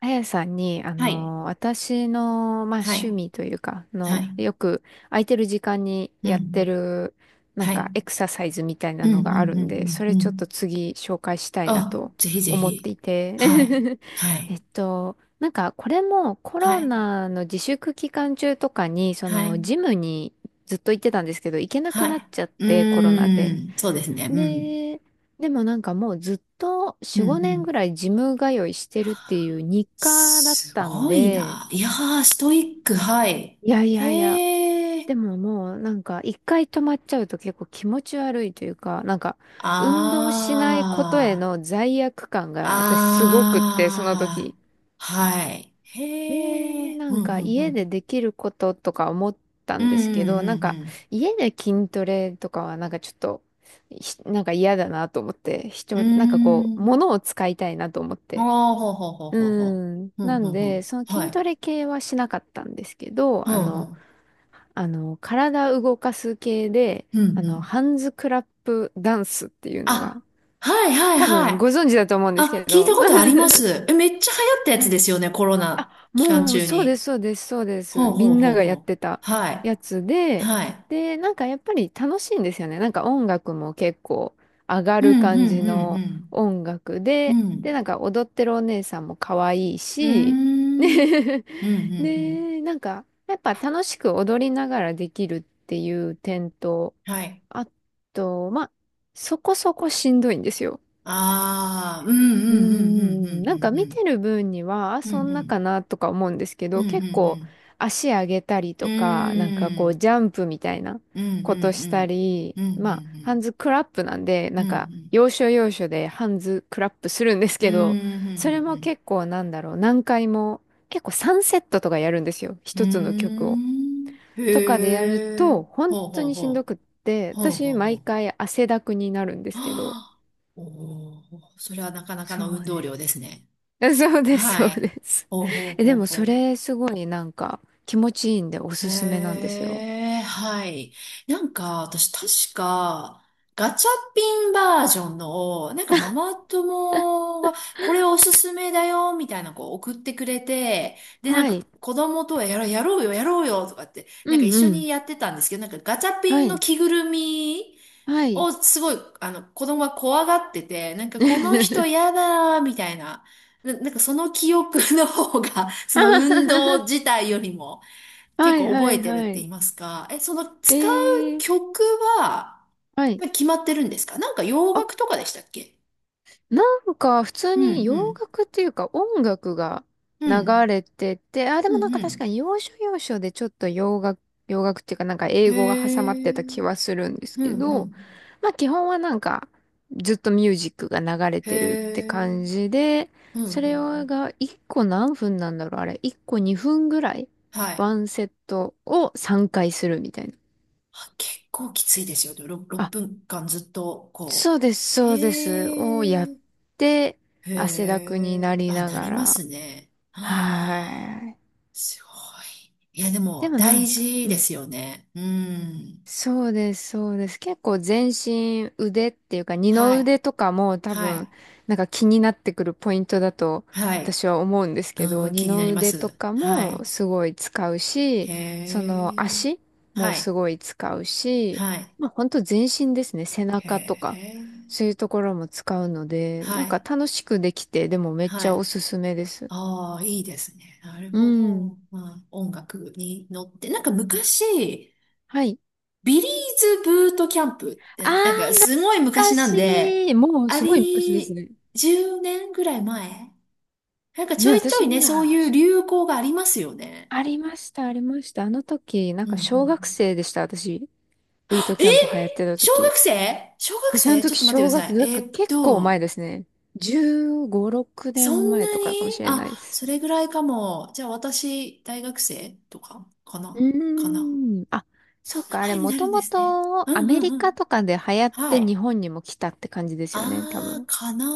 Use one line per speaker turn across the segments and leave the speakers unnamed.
あやさんに、
はい。
私の、まあ、
は
趣
い。
味というか、
はい。
よく空いてる時間に
う
やって
ん。
る、なん
はい。
か、エクササイズみたい
う
な
ん、う
の
ん、
がある
う
んで、
ん、
そ
う
れ
ん、う
ちょっ
ん。
と次紹介したいな
あ、
と
ぜひぜ
思って
ひ。
いて。
はい。は い。
なんか、これもコ
は
ロ
い。
ナの自粛期間中とかに、そ
は
の、
い。
ジムにずっと行ってたんですけど、行けなく
は
なっちゃっ
い。
て、コロ
う
ナで。
ーん。そうですね。うん。
で、でもなんかもうずっと
う
4、
ん、う
5年ぐ
ん。
らいジム通いしてるっていう日課だっ
す
たん
ごい
で、
な。いやー、ストイック。はい。
いやいやいや、
へー。
でももうなんか一回止まっちゃうと結構気持ち悪いというか、なんか運動しないことへ
あー。
の罪悪感が私すごくって、その
あ
時。
ー。はい。
ね
へ
え、
ー。
な
うん、
ん
う
か
ん、う
家で
ん。
できることとか思った
うん、
んですけど、なん
う
か
ん、
家で筋トレとかはなんかちょっと、なんか嫌だなと思って、
う
一
ん、
人、なんかこ
う
う、
ん。うーん。
物を使いたいなと思っ
あ
て。
あ、ほうほうほう
う
ほうほ
ん。
う。う
な
んう
ん
んう
で、
ん。
その
は
筋ト
い。
レ系はしなかったんですけど、
うんうん。
体動かす系で、
うんうん。
ハンズクラップダンスっていうのが、
あ、はいはい
多
はい。
分ご存知だと思うんです
あ、
け
聞いた
ど、
ことあります。え、めっちゃ流行ったやつ
は
で
い、
すよね、コロ
あ、
ナ期間
もう、
中
そうで
に。
す、そうです、そうです。
ほう
み
ほう
ん
ほ
な
う
がや
ほ
っ
う。
てた
はい。
やつで、
はい。
で、なんかやっぱり楽しいんですよね。なんか音楽も結構上が
う
る
んう
感じ
んうん
の音楽
うん。
で、
う
で、
ん。
なんか踊ってるお姉さんも可愛い
うー
し、
ん。
ね。
うんう んうん。
で、なんかやっぱ楽しく踊りながらできるっていう点と、
はい。
あと、まあ、そこそこしんどいんですよ。
ああ、うんうんうん
うー
う
ん、なん
ん
か
う
見
ん、
てる分には、あ、
うんうん。
そ
うん
ん
う
なか
ん
なとか思うんですけ
うん
ど、
う
結構
ん
足上げたり
うん。う
とか、なんかこ
ー
う
ん。
ジャンプみたいな
うんうん
こと
う
した
ん。
り、
うんうん
ま
う
あ、ハン
ん。
ズクラップなんで、
う
な
ん
ん
う
か
ん。
要所要所でハンズクラップするんです
う
けど、
ーん、ふん
そ
ふ
れ
んふ
も
ん。
結構なんだろう、何回も、結構3セットとかやるんですよ、
う
一つの
ー
曲を。
ん。
とかでやる
へえ。
と、本
ほう
当
ほう
にし
ほ
んどくっ
う。
て、
ほう
私
ほうほう。
毎
は
回汗だくになるんですけど、
あ、おお、それはなかなか
そ
の
う
運動
ね。
量ですね。
そうです、そう
はい。
です。
ほうほう
え、で
ほう
も
ほ
そ
う。
れすごいなんか気持ちいいんでおすすめなんですよ。
ええ、はい。なんか、私確か、ガチャピンバージョンの、なんかママ友が、これおすすめだよ、みたいなこう送ってくれて、で、なん
は
か
い。
子供とはやろう、やろうよ、やろうよ、とかって、
う
なんか一
ん
緒
う
に
ん。
やってたんですけど、なんかガチャピ
は
ンの
い。
着ぐるみ
はい。
をすごい、あの、子供が怖がってて、なんかこの人 やだ、みたいな。なんかその記憶の方が、そ
あ
の
は
運
は
動
は。
自体よりも、
は
結
い
構
は
覚え
い
てるっ
は
て言
い。
いますか。え、その使う
えー、
曲は、
はい。
まあ決まってるんですか？なんか洋
あ、
楽とかでしたっけ？
なんか普通
う
に
ん、う
洋
ん、
楽っていうか音楽が
う
流
ん、
れてて、あ、で
う
もなん
ん、
か
う
確か
ん。
に要所要所でちょっと洋楽、洋楽っていうかなんか英
へ
語が挟ま
え、
ってた気はするんです
う
け
ん、う
ど、
ん。
まあ基本はなんかずっとミュージックが流れ
へ
てるって
え、
感じで、
うん、う
そ
ん、う
れ
ん。
が1個何分なんだろうあれ、1個2分ぐらい
はい。
ワンセットを3回するみたいな。
あ、結構きついですよね。6、
あ、
分間ずっと、こ
そう
う。
です、そうです。をや
へ
っ
え、
て、汗だ
へ
くにな
え、
り
あ、
な
な
が
りま
ら。
すね。はあ、
はい。
すごい。いや、で
で
も、
もな
大
んか、
事
う
で
ん。
すよね。うん。
そうです、そうです。結構全身腕っていうか二の
はい。
腕とかも多
はい。
分なんか気になってくるポイントだと
はい。
私は思うんですけど、
うん、
二
気にな
の
りま
腕と
す。
か
は
も
い。
すごい使うし、そ
へ
の
え。
足も
は
す
い。
ごい使うし、
はい。
まあ本当全身ですね。背
へ
中とか
え。
そういうところも使うので、
は
なんか
い。
楽しくできて、でもめっち
は
ゃお
い。
すすめです。
ああ、いいですね。なる
う
ほ
ん。
ど。まあ、音楽に乗って。なんか昔、
はい。
ビリーズブートキャンプって、
あ
なんか
ー、
すごい
懐
昔
か
なんで、
しい。もう
あ
すごい昔です
り、
ね。
10年ぐらい前、なんかち
ね、
ょいちょ
私
い
ま
ね、そう
だ、
いう流行がありますよね。
ありました、ありました。あの時、なん
うん
か
うん
小
う
学
ん。
生でした、私。ブー
あ
ト
え、
キャンプ流行ってた
小学
時。
生、小学
私あの
生、ちょっ
時、
と待ってください。
なんか結構前ですね。15、6
そ
年
ん
前
な
とかかも
に？
しれないで
あ、
す。
それぐらいかも。じゃあ私、大学生とか、か
う
な、かな。
ーん。あ、そ
そ
っ
んな
か、あれ、
前に
も
な
と
るんで
も
すね。
と
う
ア
ん
メ
うん
リ
う
カ
ん。
とかで流行っ
は
て日
い。
本にも来たって感じですよね、多
ああ、
分。
かな。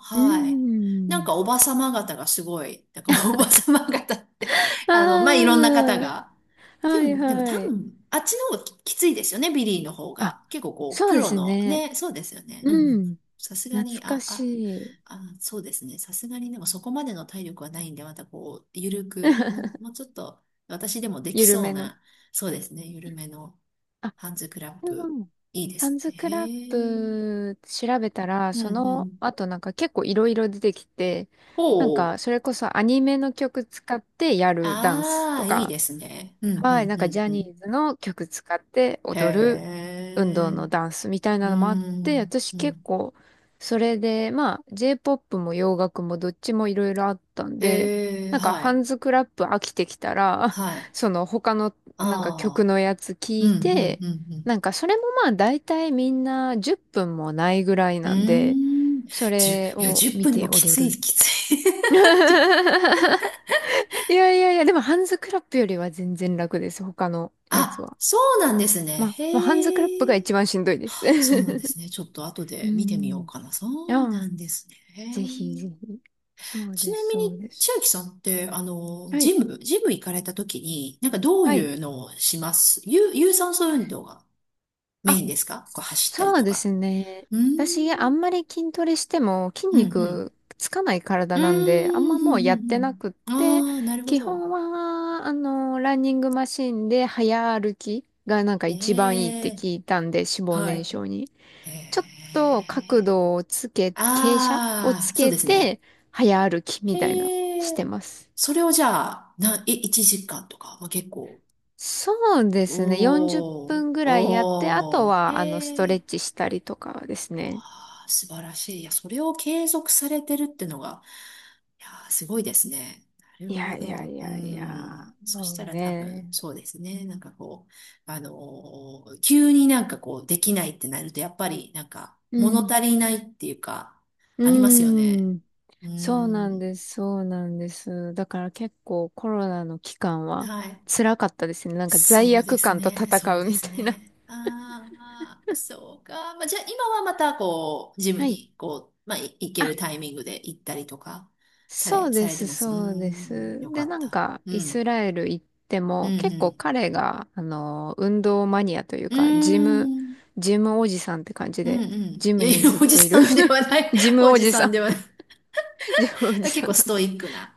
あ、
うー
はい。なん
ん。
かおばさま方がすごい、なんかおばさま方って、まあ、いろんな方
あ
が。
あ、
で
はい
も、でも
は
多
い。
分、あっちの方がき、きついですよね、ビリーの方
あ、
が。結構こう、
そう
プ
で
ロ
す
の、
ね。
ね、そうですよね。うんうんう
う
ん。
ん。
さすがに、
懐かしい。
そうですね。さすがに、でもそこまでの体力はないんで、またこう、ゆるく、もう、もうちょっと、私でもでき
緩
そう
めの。
な、そうですね、ゆるめの
あ、
ハンズクラッ
で
プ、
も、
いいで
ハ
す
ンズ
ね。
クラッ
へえ。
プ調べたら、
う
そ
んう
の
ん。
後なんか結構いろいろ出てきて、なん
ほう。
かそれこそアニメの曲使ってやるダンス
あ
と
あ、いい
か、
ですね。うん、う
はい、なん
ん、う
かジ
ん、
ャ
う
ニ
ん。
ーズの曲使って
へ
踊る運動
え。
のダンスみたいな
う
のもあって、
ん、
私
う
結
ん。
構それで、まあ J-POP も洋楽もどっちもいろいろあったんで、
ええ、
なんか
は
ハン
い。
ズクラップ飽きてきたら、
は い。
その他の
あ
なんか曲
あ。
のやつ聞
うん、
い
うん、
て、
うん、
なんかそれもまあ大体みんな10分もないぐらい
うん。
なんで、
うーん。
そ
じゅ、
れ
いや、
を
10
見
分で
て
もき
踊
つい、
る。 い
きつい。
やいやいや、でもハンズクラップよりは全然楽です、他のやつ
あ、
は。
そうなんですね。
まあ、まあ、ハンズクラップが
へえ。
一番しんどいです。
そうなんですね。ちょっと後
う
で見てみよう
ん。
かな。そ
あ
うな
あ、
んですね。
ぜひ
へ
ぜ
え。
ひ。そう
ち
で
な
す、
み
そ
に、
うで
千
す。
秋さんって、
は
ジ
い。
ム、ジム行かれた時に、なんかどう
はい。
いうのをします？有、有酸素運動がメイ
あ、
ンですか？こう走ったり
そう
と
で
か。
すね。
うーん、
私、あんまり筋トレしても筋
うん、うん。
肉つかない体
うー
なんで、あん
ん、う
まもうやっ
ん、うん
て
う
な
ん。
くって、
ああ、なるほ
基
ど。
本は、ランニングマシンで早歩きがなんか一番いいっ
へ
て
え、
聞いたんで、脂肪
は
燃
い。
焼に。
へ
ちょっと角
え。
度をつけ、傾斜を
あ
つ
あ、そう
け
ですね。
て、早歩きみたいな、
へ
して
え。
ます。
それをじゃあ、な、え、1時間とか、まあ、結構。
そうですね。40
おー、
分ぐらいやって、あと
おー、
は、スト
へ
レッ
え。
チしたりとかですね。
あー、素晴らしい。いや、それを継続されてるってのが、いやー、すごいですね。なる
い
ほ
やいや
ど。
い
う
やいや。
ん。そし
そ
た
う
ら多分、
ね。
そうですね。なんかこう、あの急になんかこう、できないってなると、やっぱり、なんか、
う
物
ん。
足りないっていうか、
う
ありますよね。
ん。
う
そうなん
ん。
です、そうなんです。だから結構コロナの期間は
はい。
辛かったですね。なんか
そ
罪
うで
悪
す
感と
ね、そ
戦
う
う
で
み
す
たいな。
ね。ああ、そうか。まあ、じゃあ今はまたこう、ジム
はい。
にこう、まあ、い、行け
あ、
るタイミングで行ったりとか、さ
そ
れ、
う
さ
で
れて
す、
ます。うー
そうで
ん、よ
す。
か
で、
っ
なん
た。
か
う
イ
ん、
スラエル行って
う
も結構
ん、
彼が、運動マニアという
うん。
か、ジム、
うーん、
ジムおじさんって感じ
うん、う
で、
ん。
ジ
い
ム
やい
に
や、
ずっ
おじ
とい
さ
る。
んではな い。
ジ ム
お
お
じ
じ
さ
さ
ん
ん。
ではない。
ジムおじ
あ、結
さん
構
な
ス
ん
トイ
で、
ックな。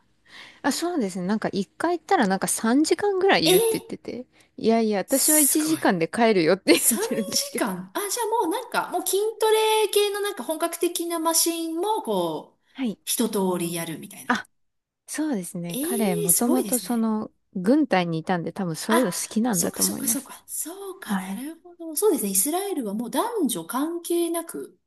あ、そうですね。なんか一回行ったらなんか3時間ぐらい
え
いる
ー、
って言ってて。いやいや、私は
す
1
ごい。
時間で帰るよって言っ
3
てるんですけ
時
ど。
間。あ、じゃあもうなんか、もう筋トレ系のなんか本格的なマシンもこう、
はい。
一通りやるみたいな。
あ、そうです
え
ね。彼、
えー
も
す
と
ごい
も
で
と
す
そ
ね。
の、軍隊にいたんで多分そういう
あ、
の好きなん
そっ
だ
か
と
そっ
思い
か
ま
そっ
す。
か。そうか、
は
な
い。
るほど。そうですね。イスラエルはもう男女関係なく。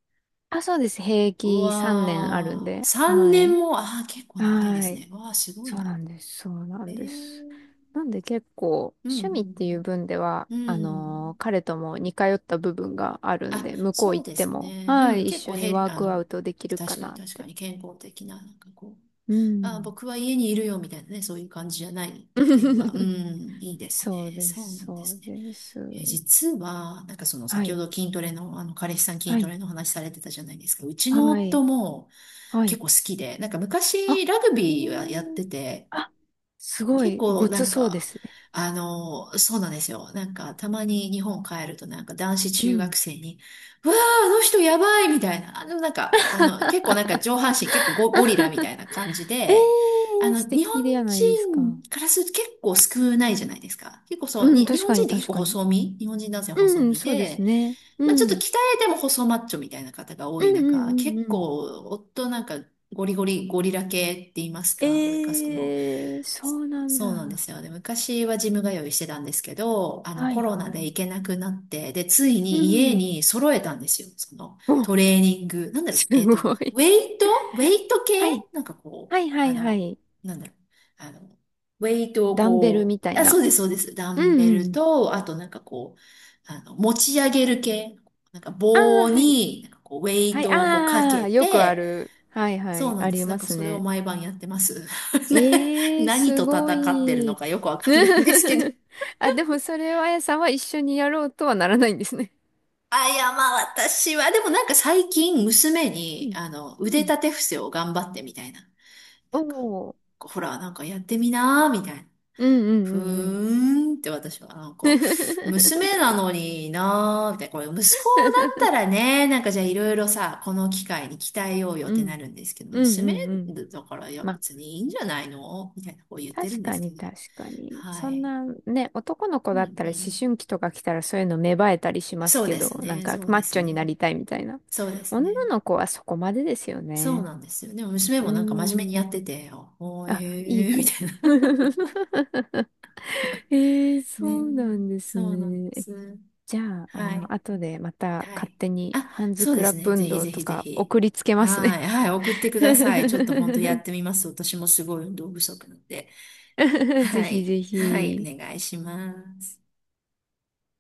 あ、そうです。兵
う
役3年あるん
わあ、
で。
3
は
年
い。
も、ああ、結構長いで
は
す
い。
ね。うわあ、すごい
そう
な。
なんです。そうな
え
んです。
え、
なんで結構
うん
趣味っていう分では、
うんうん。うん。
彼とも似通った部分があるん
あ、
で、向こう
そう
行っ
で
て
す
も、
ね。
は
うん、
い、一
結構、
緒に
へ、
ワークアウトできるか
確かに
なっ
確か
て。
に、健康的な、なんかこう、
う
あ、
ん。
僕は家にいるよみたいなね、そういう感じじゃないっていうのが、う ん、いいです
そう
ね。
で
そうな
す、
んで
そう
すね。
です。
え、実は、なんかその
は
先ほ
い、
ど筋トレの、あの、彼氏さん筋
は
ト
い、
レの話されてたじゃないですか。うちの
は
夫
い、
も
は
結
い。
構好きで、なんか
あ、
昔ラグ
え
ビーはやっ
ー、
てて、
あ、すご
結
い、
構
ご
な
つ
ん
そうで
か、
すね。
あの、そうなんですよ。なんか、たまに日本帰るとなんか男子
う
中学
ん。
生に、うわー、あの人やばいみたいな。結構なんか上半身結構ゴリラみたいな感じ
え
で、あ
ー、
の、
素
日本
敵ではないですか。
人からすると結構少ないじゃないですか。結構そう、
うん、
に、日
確
本
か
人
に、
って結
確
構
かに。
細身、日本人男性
う
細
ん、
身
そうです
で、
ね。う
まあちょっと
ん。
鍛えても細マッチョみたいな方が多
う
い
んう
中、
ん
結
うんうん。
構、夫なんかゴリゴリ、ゴリラ系って言います
え
か。なんかその、
ー、そうなんだ。
そうなんですよね。昔はジム通いしてたんですけど、あの
は
コ
い
ロナ
は
で
い。
行けなくなって、で、つい
う
に家
ん。
に揃えたんですよ。その
お、
トレーニング。なんだろ
す
う、
ごい。
イトウェイ ト系
はい。
なんかこう、
はいは
あ
いは
の、
い。
なんだろう、あの、ウェイトを
ダンベル
こ
みた
う、
い
あ、
な。
そうです、そうです。ダ
う
ンベ
んう
ル
ん。
と、あとなんかこう、あの、持ち上げる系。なんか
ああ、
棒
はい。
に、なんかこう、ウェイ
はい、
トをこうか
あ
け
あ、よくあ
て、
る。はいは
そう
い。
なん
あ
で
り
す。なん
ま
か
す
それを
ね。
毎晩やってます。な、
えー、
何
す
と戦
ご
ってるの
い。
かよくわかんないんですけど。
あ、でもそれはあやさんは一緒にやろうとはならないんですね。
あ、いや、まあ私は、でもなんか最近娘
う
に、
ん。
あの、腕
うん。
立て伏せを頑張ってみたいな。
お
なんか、
お。
ほら、なんかやってみなーみたいな。
うんうんう
ふ
んうん。
ーんって、私はなんか、娘 なのになーみ、これ息子だったらね、なんかじゃあいろいろさ、この機会に鍛えようよっ
う
てな
ん
るんですけど、
うん
娘
うんうん。
だから、いや
まあ、
別にいいんじゃないの、みたいなこう言ってる
確
んで
か
す
に、
けど。
確かに。
は
そん
い。
な、ね、男の子
うん
だ
う
ったら思
ん。
春期とか来たらそういうの芽生えたりします
そう
け
で
ど、
す
なん
ね、
か
そう
マ
で
ッ
す
チョにな
ね。
りたいみたいな。
そうです
女
ね。
の子はそこまでですよ
そう
ね。
なんですよ。でも娘
うー
もなんか真面目にや
ん。
ってて、おー
あ、いい
えー、み
子。
たい な。
えー、そ
ね、
うなんです
そうなん
ね。
で
え
す。
じゃあ、
はい。
後でまた
は
勝
い。
手に
あ、
ハンズ
そう
ク
で
ラ
す
ップ
ね。ぜ
運
ひ
動
ぜ
と
ひぜ
か
ひ。
送りつけます
は
ね。
い。はい。送ってください。ちょっと本当やっ てみます。私もすごい運動不足なんで。
ぜ
は
ひ
い。
ぜ
はい。
ひ。
お願いします。